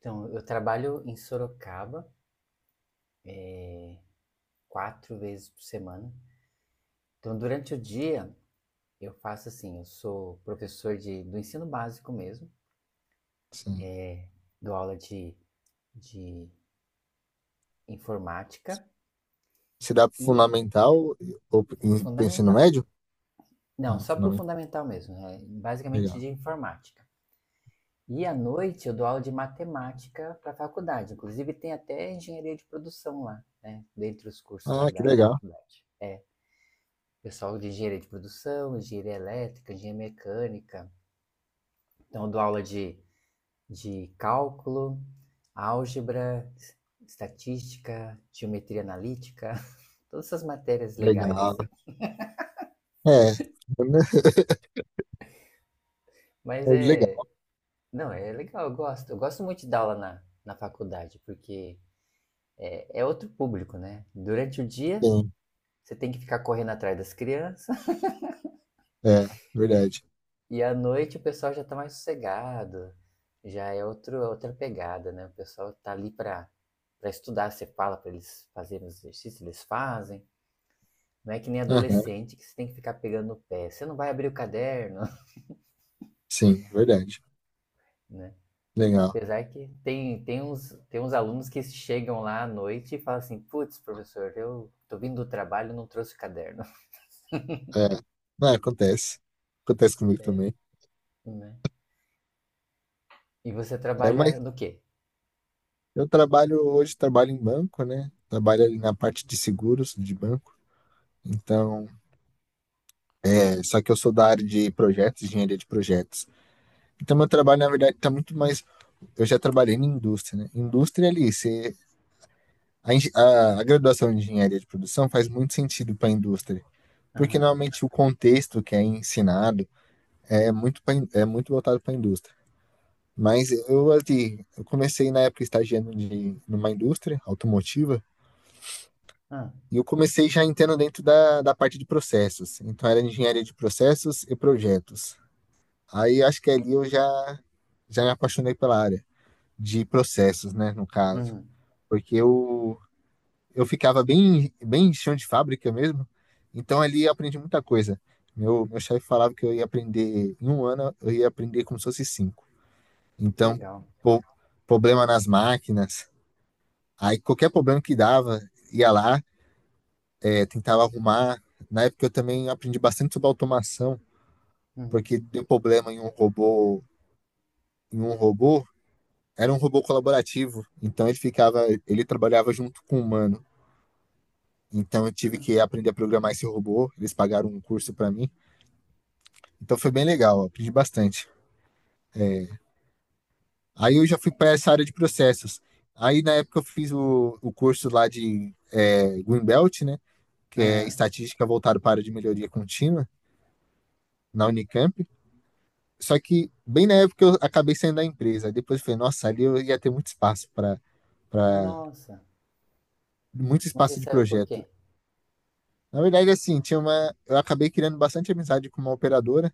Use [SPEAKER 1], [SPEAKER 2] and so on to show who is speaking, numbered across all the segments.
[SPEAKER 1] Então, eu trabalho em Sorocaba quatro vezes por semana. Então, durante o dia, eu faço assim: eu sou professor do ensino básico mesmo,
[SPEAKER 2] Sim.
[SPEAKER 1] é, dou aula de informática
[SPEAKER 2] Se dá pro
[SPEAKER 1] e
[SPEAKER 2] fundamental ou
[SPEAKER 1] o
[SPEAKER 2] pro ensino
[SPEAKER 1] fundamental.
[SPEAKER 2] médio?
[SPEAKER 1] Não,
[SPEAKER 2] Ah,
[SPEAKER 1] só para o
[SPEAKER 2] fundamental.
[SPEAKER 1] fundamental mesmo, né? Basicamente
[SPEAKER 2] Legal.
[SPEAKER 1] de informática. E à noite eu dou aula de matemática para a faculdade. Inclusive tem até engenharia de produção lá, né? Dentre os cursos lá
[SPEAKER 2] Ah, que
[SPEAKER 1] da
[SPEAKER 2] legal.
[SPEAKER 1] faculdade. Pessoal de engenharia de produção, engenharia elétrica, engenharia mecânica. Então, eu dou aula de cálculo, álgebra, estatística, geometria analítica, todas essas matérias legais,
[SPEAKER 2] Legal.
[SPEAKER 1] assim.
[SPEAKER 2] É.
[SPEAKER 1] Mas
[SPEAKER 2] É, legal.
[SPEAKER 1] é. Não, é legal, eu gosto. Eu gosto muito de dar aula na faculdade, porque é outro público, né? Durante o dia,
[SPEAKER 2] Sim.
[SPEAKER 1] você tem que ficar correndo atrás das crianças.
[SPEAKER 2] É, verdade.
[SPEAKER 1] E à noite o pessoal já tá mais sossegado, já é outra pegada, né? O pessoal tá ali pra estudar, você fala pra eles fazerem os exercícios, eles fazem. Não é que nem
[SPEAKER 2] Aham.
[SPEAKER 1] adolescente que você tem que ficar pegando no pé. Você não vai abrir o caderno,
[SPEAKER 2] Sim, verdade.
[SPEAKER 1] né?
[SPEAKER 2] Legal.
[SPEAKER 1] Apesar que tem uns alunos que chegam lá à noite e falam assim, putz, professor, eu tô vindo do trabalho e não trouxe o caderno,
[SPEAKER 2] É. Não, acontece. Acontece comigo
[SPEAKER 1] acontece.
[SPEAKER 2] também.
[SPEAKER 1] Né? E você
[SPEAKER 2] É,
[SPEAKER 1] trabalha
[SPEAKER 2] mas
[SPEAKER 1] no quê?
[SPEAKER 2] eu trabalho hoje, trabalho em banco, né? Trabalho ali na parte de seguros de banco. Então, só que eu sou da área de projetos, engenharia de projetos. Então, meu trabalho, na verdade, está muito mais eu já trabalhei na indústria, né? Indústria ali, você, a graduação de engenharia de produção faz muito sentido para a indústria, porque
[SPEAKER 1] Aham,
[SPEAKER 2] normalmente o contexto que é ensinado é muito, pra é muito voltado para a indústria. Mas eu, assim, eu comecei na época estagiando numa indústria automotiva,
[SPEAKER 1] uhum. Ah,
[SPEAKER 2] e eu comecei já entrando dentro da parte de processos. Então era engenharia de processos e projetos. Aí acho que ali eu já me apaixonei pela área de processos, né, no caso.
[SPEAKER 1] uhum,
[SPEAKER 2] Porque eu ficava bem, bem chão de fábrica mesmo, então ali eu aprendi muita coisa. Meu chefe falava que eu ia aprender, em um ano eu ia aprender como se fosse cinco.
[SPEAKER 1] que
[SPEAKER 2] Então,
[SPEAKER 1] legal.
[SPEAKER 2] pô, problema nas máquinas, aí qualquer problema que dava, ia lá, tentava arrumar. Na época eu também aprendi bastante sobre automação,
[SPEAKER 1] Uhum,
[SPEAKER 2] porque deu problema em um robô, era um robô colaborativo, então ele ficava, ele trabalhava junto com o humano. Então eu tive
[SPEAKER 1] aham.
[SPEAKER 2] que aprender a programar esse robô, eles pagaram um curso para mim. Então foi bem legal, aprendi bastante. Aí eu já fui para essa área de processos. Aí na época eu fiz o curso lá de Greenbelt, né? Que é estatística voltada para a área de melhoria contínua na Unicamp. Só que bem na época eu acabei saindo da empresa. Aí depois eu falei, nossa, ali eu ia ter muito espaço para
[SPEAKER 1] Nossa,
[SPEAKER 2] muito
[SPEAKER 1] mas você
[SPEAKER 2] espaço de
[SPEAKER 1] saiu por
[SPEAKER 2] projeto.
[SPEAKER 1] quê?
[SPEAKER 2] Na verdade, assim, tinha uma. Eu acabei criando bastante amizade com uma operadora.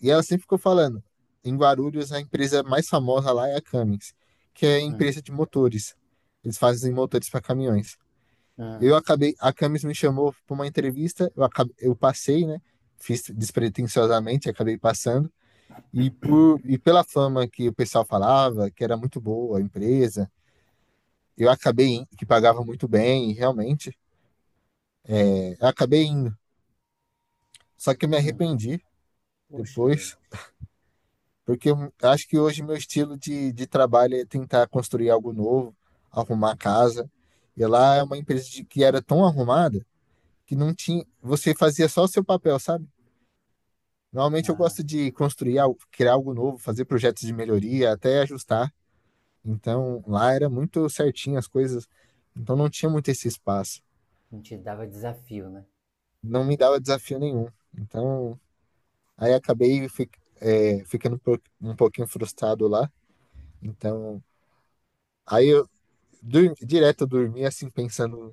[SPEAKER 2] E ela sempre ficou falando, em Guarulhos a empresa mais famosa lá é a Cummins, que é a
[SPEAKER 1] Hum,
[SPEAKER 2] empresa de motores. Eles fazem motores para caminhões.
[SPEAKER 1] hum,
[SPEAKER 2] Eu acabei, a Cummins me chamou para uma entrevista, eu passei, né? Fiz despretensiosamente, acabei passando. E pela fama que o pessoal falava, que era muito boa a empresa, eu acabei que pagava muito bem, e realmente, eu acabei indo. Só que eu me
[SPEAKER 1] hum.
[SPEAKER 2] arrependi
[SPEAKER 1] Puxa vida.
[SPEAKER 2] depois, porque eu acho que hoje meu estilo de trabalho é tentar construir algo novo, arrumar a casa. E lá é uma empresa de- que era tão arrumada que não tinha, você fazia só o seu papel, sabe? Normalmente eu
[SPEAKER 1] Ah,
[SPEAKER 2] gosto de construir, algo- criar algo novo, fazer projetos de melhoria, até ajustar. Então lá era muito certinho as coisas, então não tinha muito esse espaço.
[SPEAKER 1] não te dava desafio, né?
[SPEAKER 2] Não me dava desafio nenhum. Então aí acabei fi- é, ficando um po- um pouquinho frustrado lá. Então aí eu direto eu dormia assim pensando,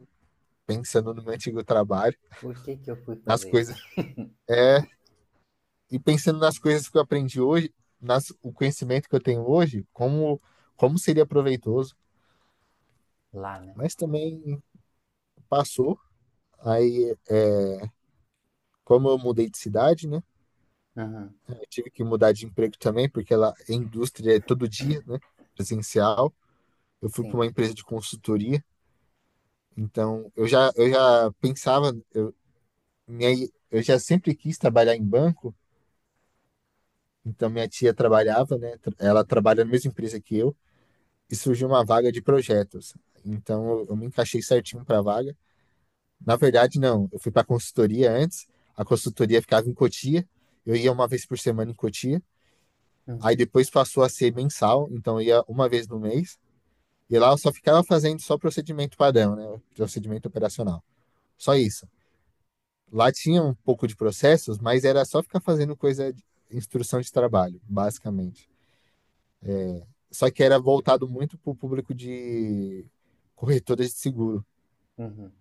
[SPEAKER 2] pensando no meu antigo trabalho,
[SPEAKER 1] Por que que eu fui
[SPEAKER 2] nas
[SPEAKER 1] fazer isso?
[SPEAKER 2] coisas. É, e pensando nas coisas que eu aprendi hoje, nas, o conhecimento que eu tenho hoje, como, como seria proveitoso.
[SPEAKER 1] Lá, né?
[SPEAKER 2] Mas também passou. Aí, como eu mudei de cidade, né?
[SPEAKER 1] Uhum,
[SPEAKER 2] Eu tive que mudar de emprego também, porque ela, a indústria é todo dia, né? Presencial. Eu fui para
[SPEAKER 1] sim.
[SPEAKER 2] uma empresa de consultoria. Então, eu já pensava, minha, eu já sempre quis trabalhar em banco. Então, minha tia trabalhava, né? Ela trabalha na mesma empresa que eu, e surgiu uma vaga de projetos. Então, eu me encaixei certinho para a vaga. Na verdade, não, eu fui para a consultoria antes, a consultoria ficava em Cotia, eu ia uma vez por semana em Cotia, aí
[SPEAKER 1] Uhum,
[SPEAKER 2] depois passou a ser mensal, então eu ia uma vez no mês, e lá eu só ficava fazendo só procedimento padrão, né? Procedimento operacional. Só isso. Lá tinha um pouco de processos, mas era só ficar fazendo coisa de instrução de trabalho, basicamente. Só que era voltado muito para o público de corretoras de seguro.
[SPEAKER 1] uhum.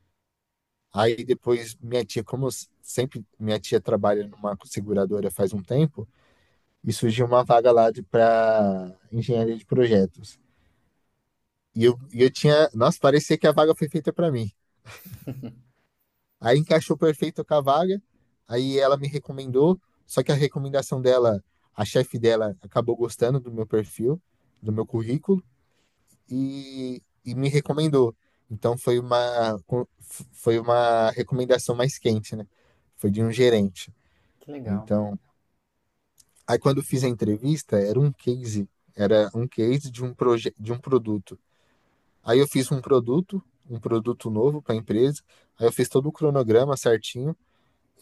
[SPEAKER 2] Aí depois minha tia, como eu sempre minha tia trabalha numa seguradora faz um tempo, e surgiu uma vaga lá para engenharia de projetos. E eu tinha, nossa, parecia que a vaga foi feita para mim. Aí encaixou perfeito com a vaga, aí ela me recomendou, só que a recomendação dela, a chefe dela acabou gostando do meu perfil, do meu currículo e me recomendou. Então foi uma recomendação mais quente, né? Foi de um gerente.
[SPEAKER 1] Que legal.
[SPEAKER 2] Então, aí quando eu fiz a entrevista, era um case de um proje de um produto. Aí eu fiz um produto novo para a empresa. Aí eu fiz todo o cronograma certinho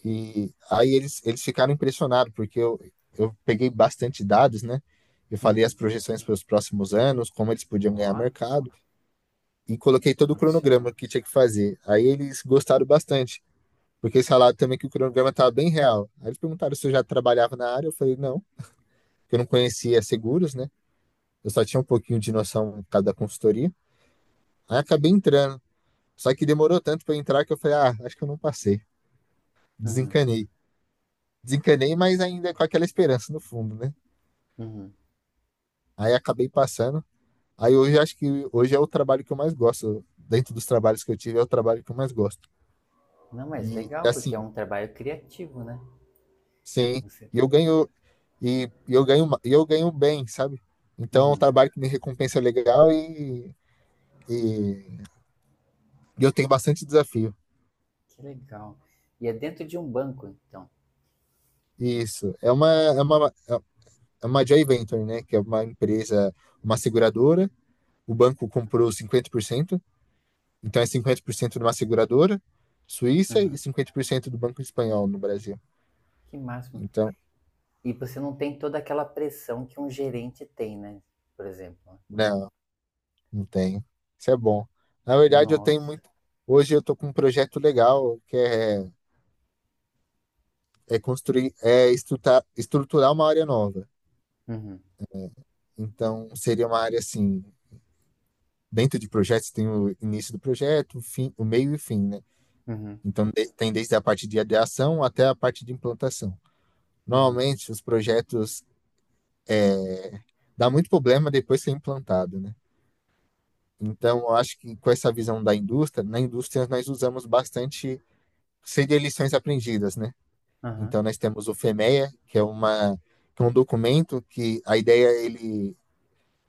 [SPEAKER 2] e aí eles ficaram impressionados porque eu peguei bastante dados, né? Eu falei as
[SPEAKER 1] Uhum.
[SPEAKER 2] projeções para os próximos anos, como eles podiam ganhar
[SPEAKER 1] Ó,
[SPEAKER 2] mercado. E coloquei todo o
[SPEAKER 1] profissional.
[SPEAKER 2] cronograma que tinha que fazer. Aí eles gostaram bastante, porque eles falaram também que o cronograma estava bem real. Aí eles perguntaram se eu já trabalhava na área, eu falei não, que eu não conhecia seguros, né? Eu só tinha um pouquinho de noção por causa da consultoria. Aí acabei entrando. Só que demorou tanto para entrar que eu falei, ah, acho que eu não passei.
[SPEAKER 1] Uhum,
[SPEAKER 2] Desencanei. Desencanei, mas ainda com aquela esperança no fundo, né?
[SPEAKER 1] uhum.
[SPEAKER 2] Aí acabei passando. Aí hoje acho que hoje é o trabalho que eu mais gosto. Dentro dos trabalhos que eu tive, é o trabalho que eu mais gosto.
[SPEAKER 1] Não, mas
[SPEAKER 2] E
[SPEAKER 1] legal, porque é
[SPEAKER 2] assim,
[SPEAKER 1] um trabalho criativo, né?
[SPEAKER 2] sim,
[SPEAKER 1] Você.
[SPEAKER 2] e eu ganho e, eu ganho, e eu ganho bem, sabe? Então, é um
[SPEAKER 1] Uhum.
[SPEAKER 2] trabalho que me recompensa legal e, e eu tenho bastante desafio.
[SPEAKER 1] Que legal. E é dentro de um banco, então.
[SPEAKER 2] Isso. É uma, é uma, é é uma joint venture, né? Que é uma empresa, uma seguradora. O banco comprou 50%, então é 50% de uma seguradora suíça e
[SPEAKER 1] Uhum.
[SPEAKER 2] 50% do banco espanhol no Brasil.
[SPEAKER 1] Que máximo.
[SPEAKER 2] Então,
[SPEAKER 1] E você não tem toda aquela pressão que um gerente tem, né? Por exemplo. Né?
[SPEAKER 2] não, não tenho. Isso é bom. Na verdade, eu tenho
[SPEAKER 1] Nossa.
[SPEAKER 2] muito. Hoje eu tô com um projeto legal que é é construir, é estruturar, uma área nova.
[SPEAKER 1] Uhum,
[SPEAKER 2] Então, seria uma área assim, dentro de projetos tem o início do projeto, o fim, o meio e o fim, né?
[SPEAKER 1] uhum,
[SPEAKER 2] Então, de- tem desde a parte de ideação até a parte de implantação.
[SPEAKER 1] uhum,
[SPEAKER 2] Normalmente, os projetos dá muito problema depois que é implantado, né? Então, eu acho que com essa visão da indústria, na indústria nós usamos bastante, seria lições aprendidas, né? Então,
[SPEAKER 1] aham.
[SPEAKER 2] nós temos o FEMEA, que é uma que é um documento que a ideia é ele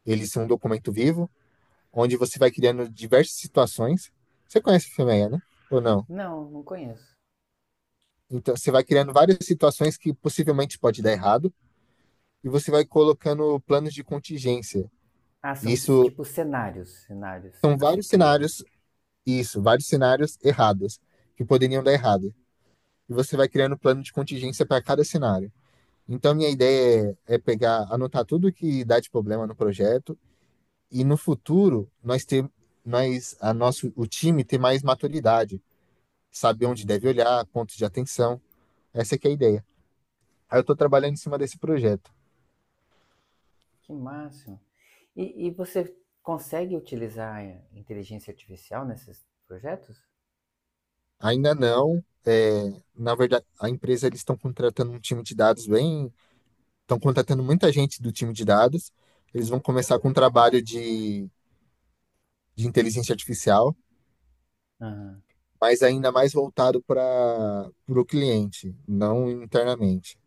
[SPEAKER 2] ele ser um documento vivo, onde você vai criando diversas situações. Você conhece o filme né? Ou não?
[SPEAKER 1] Não, não conheço.
[SPEAKER 2] Então, você vai criando várias situações que possivelmente pode dar errado e você vai colocando planos de contingência.
[SPEAKER 1] Ah, são
[SPEAKER 2] Isso,
[SPEAKER 1] tipo cenários, cenários
[SPEAKER 2] são
[SPEAKER 1] que você
[SPEAKER 2] vários
[SPEAKER 1] cria, né?
[SPEAKER 2] cenários, isso, vários cenários errados que poderiam dar errado. E você vai criando plano de contingência para cada cenário. Então, minha ideia é, é pegar, anotar tudo que dá de problema no projeto e no futuro nós ter, nós, a nosso, o time ter mais maturidade, saber onde
[SPEAKER 1] Uhum.
[SPEAKER 2] deve olhar, pontos de atenção. Essa é que é a ideia. Aí eu estou trabalhando em cima desse projeto.
[SPEAKER 1] Que máximo. E você consegue utilizar a inteligência artificial nesses projetos?
[SPEAKER 2] Ainda não, na verdade, a empresa eles estão contratando um time de dados bem, estão contratando muita gente do time de dados. Eles vão começar com um trabalho de inteligência artificial,
[SPEAKER 1] Aham.
[SPEAKER 2] mas ainda mais voltado para o cliente, não internamente.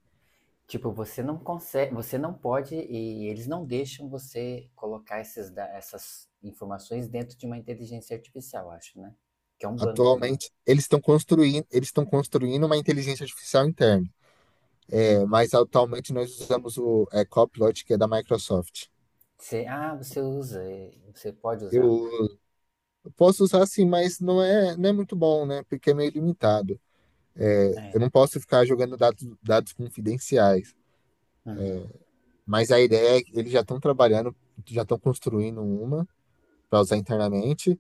[SPEAKER 1] Tipo, você não consegue, você não pode e eles não deixam você colocar essas informações dentro de uma inteligência artificial, acho, né? Que é um banco, né?
[SPEAKER 2] Atualmente, eles estão construindo uma inteligência artificial interna. É, mas atualmente nós usamos o Copilot, que é da Microsoft.
[SPEAKER 1] Você, ah, você usa, é, você pode usá-lo.
[SPEAKER 2] Eu posso usar sim, mas não é muito bom, né? Porque é meio limitado.
[SPEAKER 1] É.
[SPEAKER 2] Eu não posso ficar jogando dados confidenciais.
[SPEAKER 1] Uhum.
[SPEAKER 2] Mas a ideia é que eles já estão trabalhando, já estão construindo uma para usar internamente.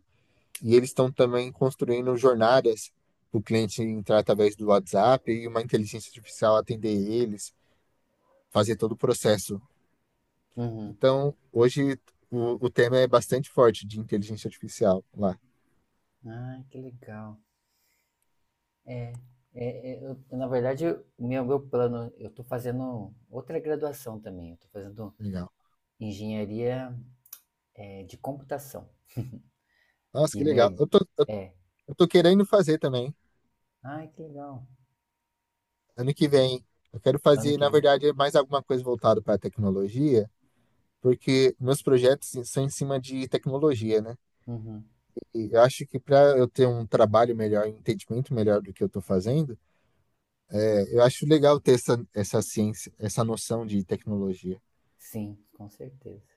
[SPEAKER 2] E eles estão também construindo jornadas para o cliente entrar através do WhatsApp e uma inteligência artificial atender eles, fazer todo o processo.
[SPEAKER 1] Uhum.
[SPEAKER 2] Então, hoje o tema é bastante forte de inteligência artificial lá.
[SPEAKER 1] Ah, que legal. É, Na verdade, o meu plano, eu estou fazendo outra graduação também. Eu estou fazendo
[SPEAKER 2] Legal.
[SPEAKER 1] engenharia, é, de computação.
[SPEAKER 2] Nossa,
[SPEAKER 1] E
[SPEAKER 2] que
[SPEAKER 1] minha,
[SPEAKER 2] legal.
[SPEAKER 1] i-
[SPEAKER 2] Eu tô, eu,
[SPEAKER 1] é.
[SPEAKER 2] eu tô querendo fazer também.
[SPEAKER 1] Ai, que legal.
[SPEAKER 2] Ano que vem. Eu quero
[SPEAKER 1] Ano
[SPEAKER 2] fazer,
[SPEAKER 1] que
[SPEAKER 2] na
[SPEAKER 1] vem.
[SPEAKER 2] verdade, mais alguma coisa voltada para a tecnologia, porque meus projetos são em cima de tecnologia, né?
[SPEAKER 1] Uhum.
[SPEAKER 2] E eu acho que para eu ter um trabalho melhor, um entendimento melhor do que eu estou fazendo, eu acho legal ter essa ciência, essa noção de tecnologia.
[SPEAKER 1] Sim, com certeza.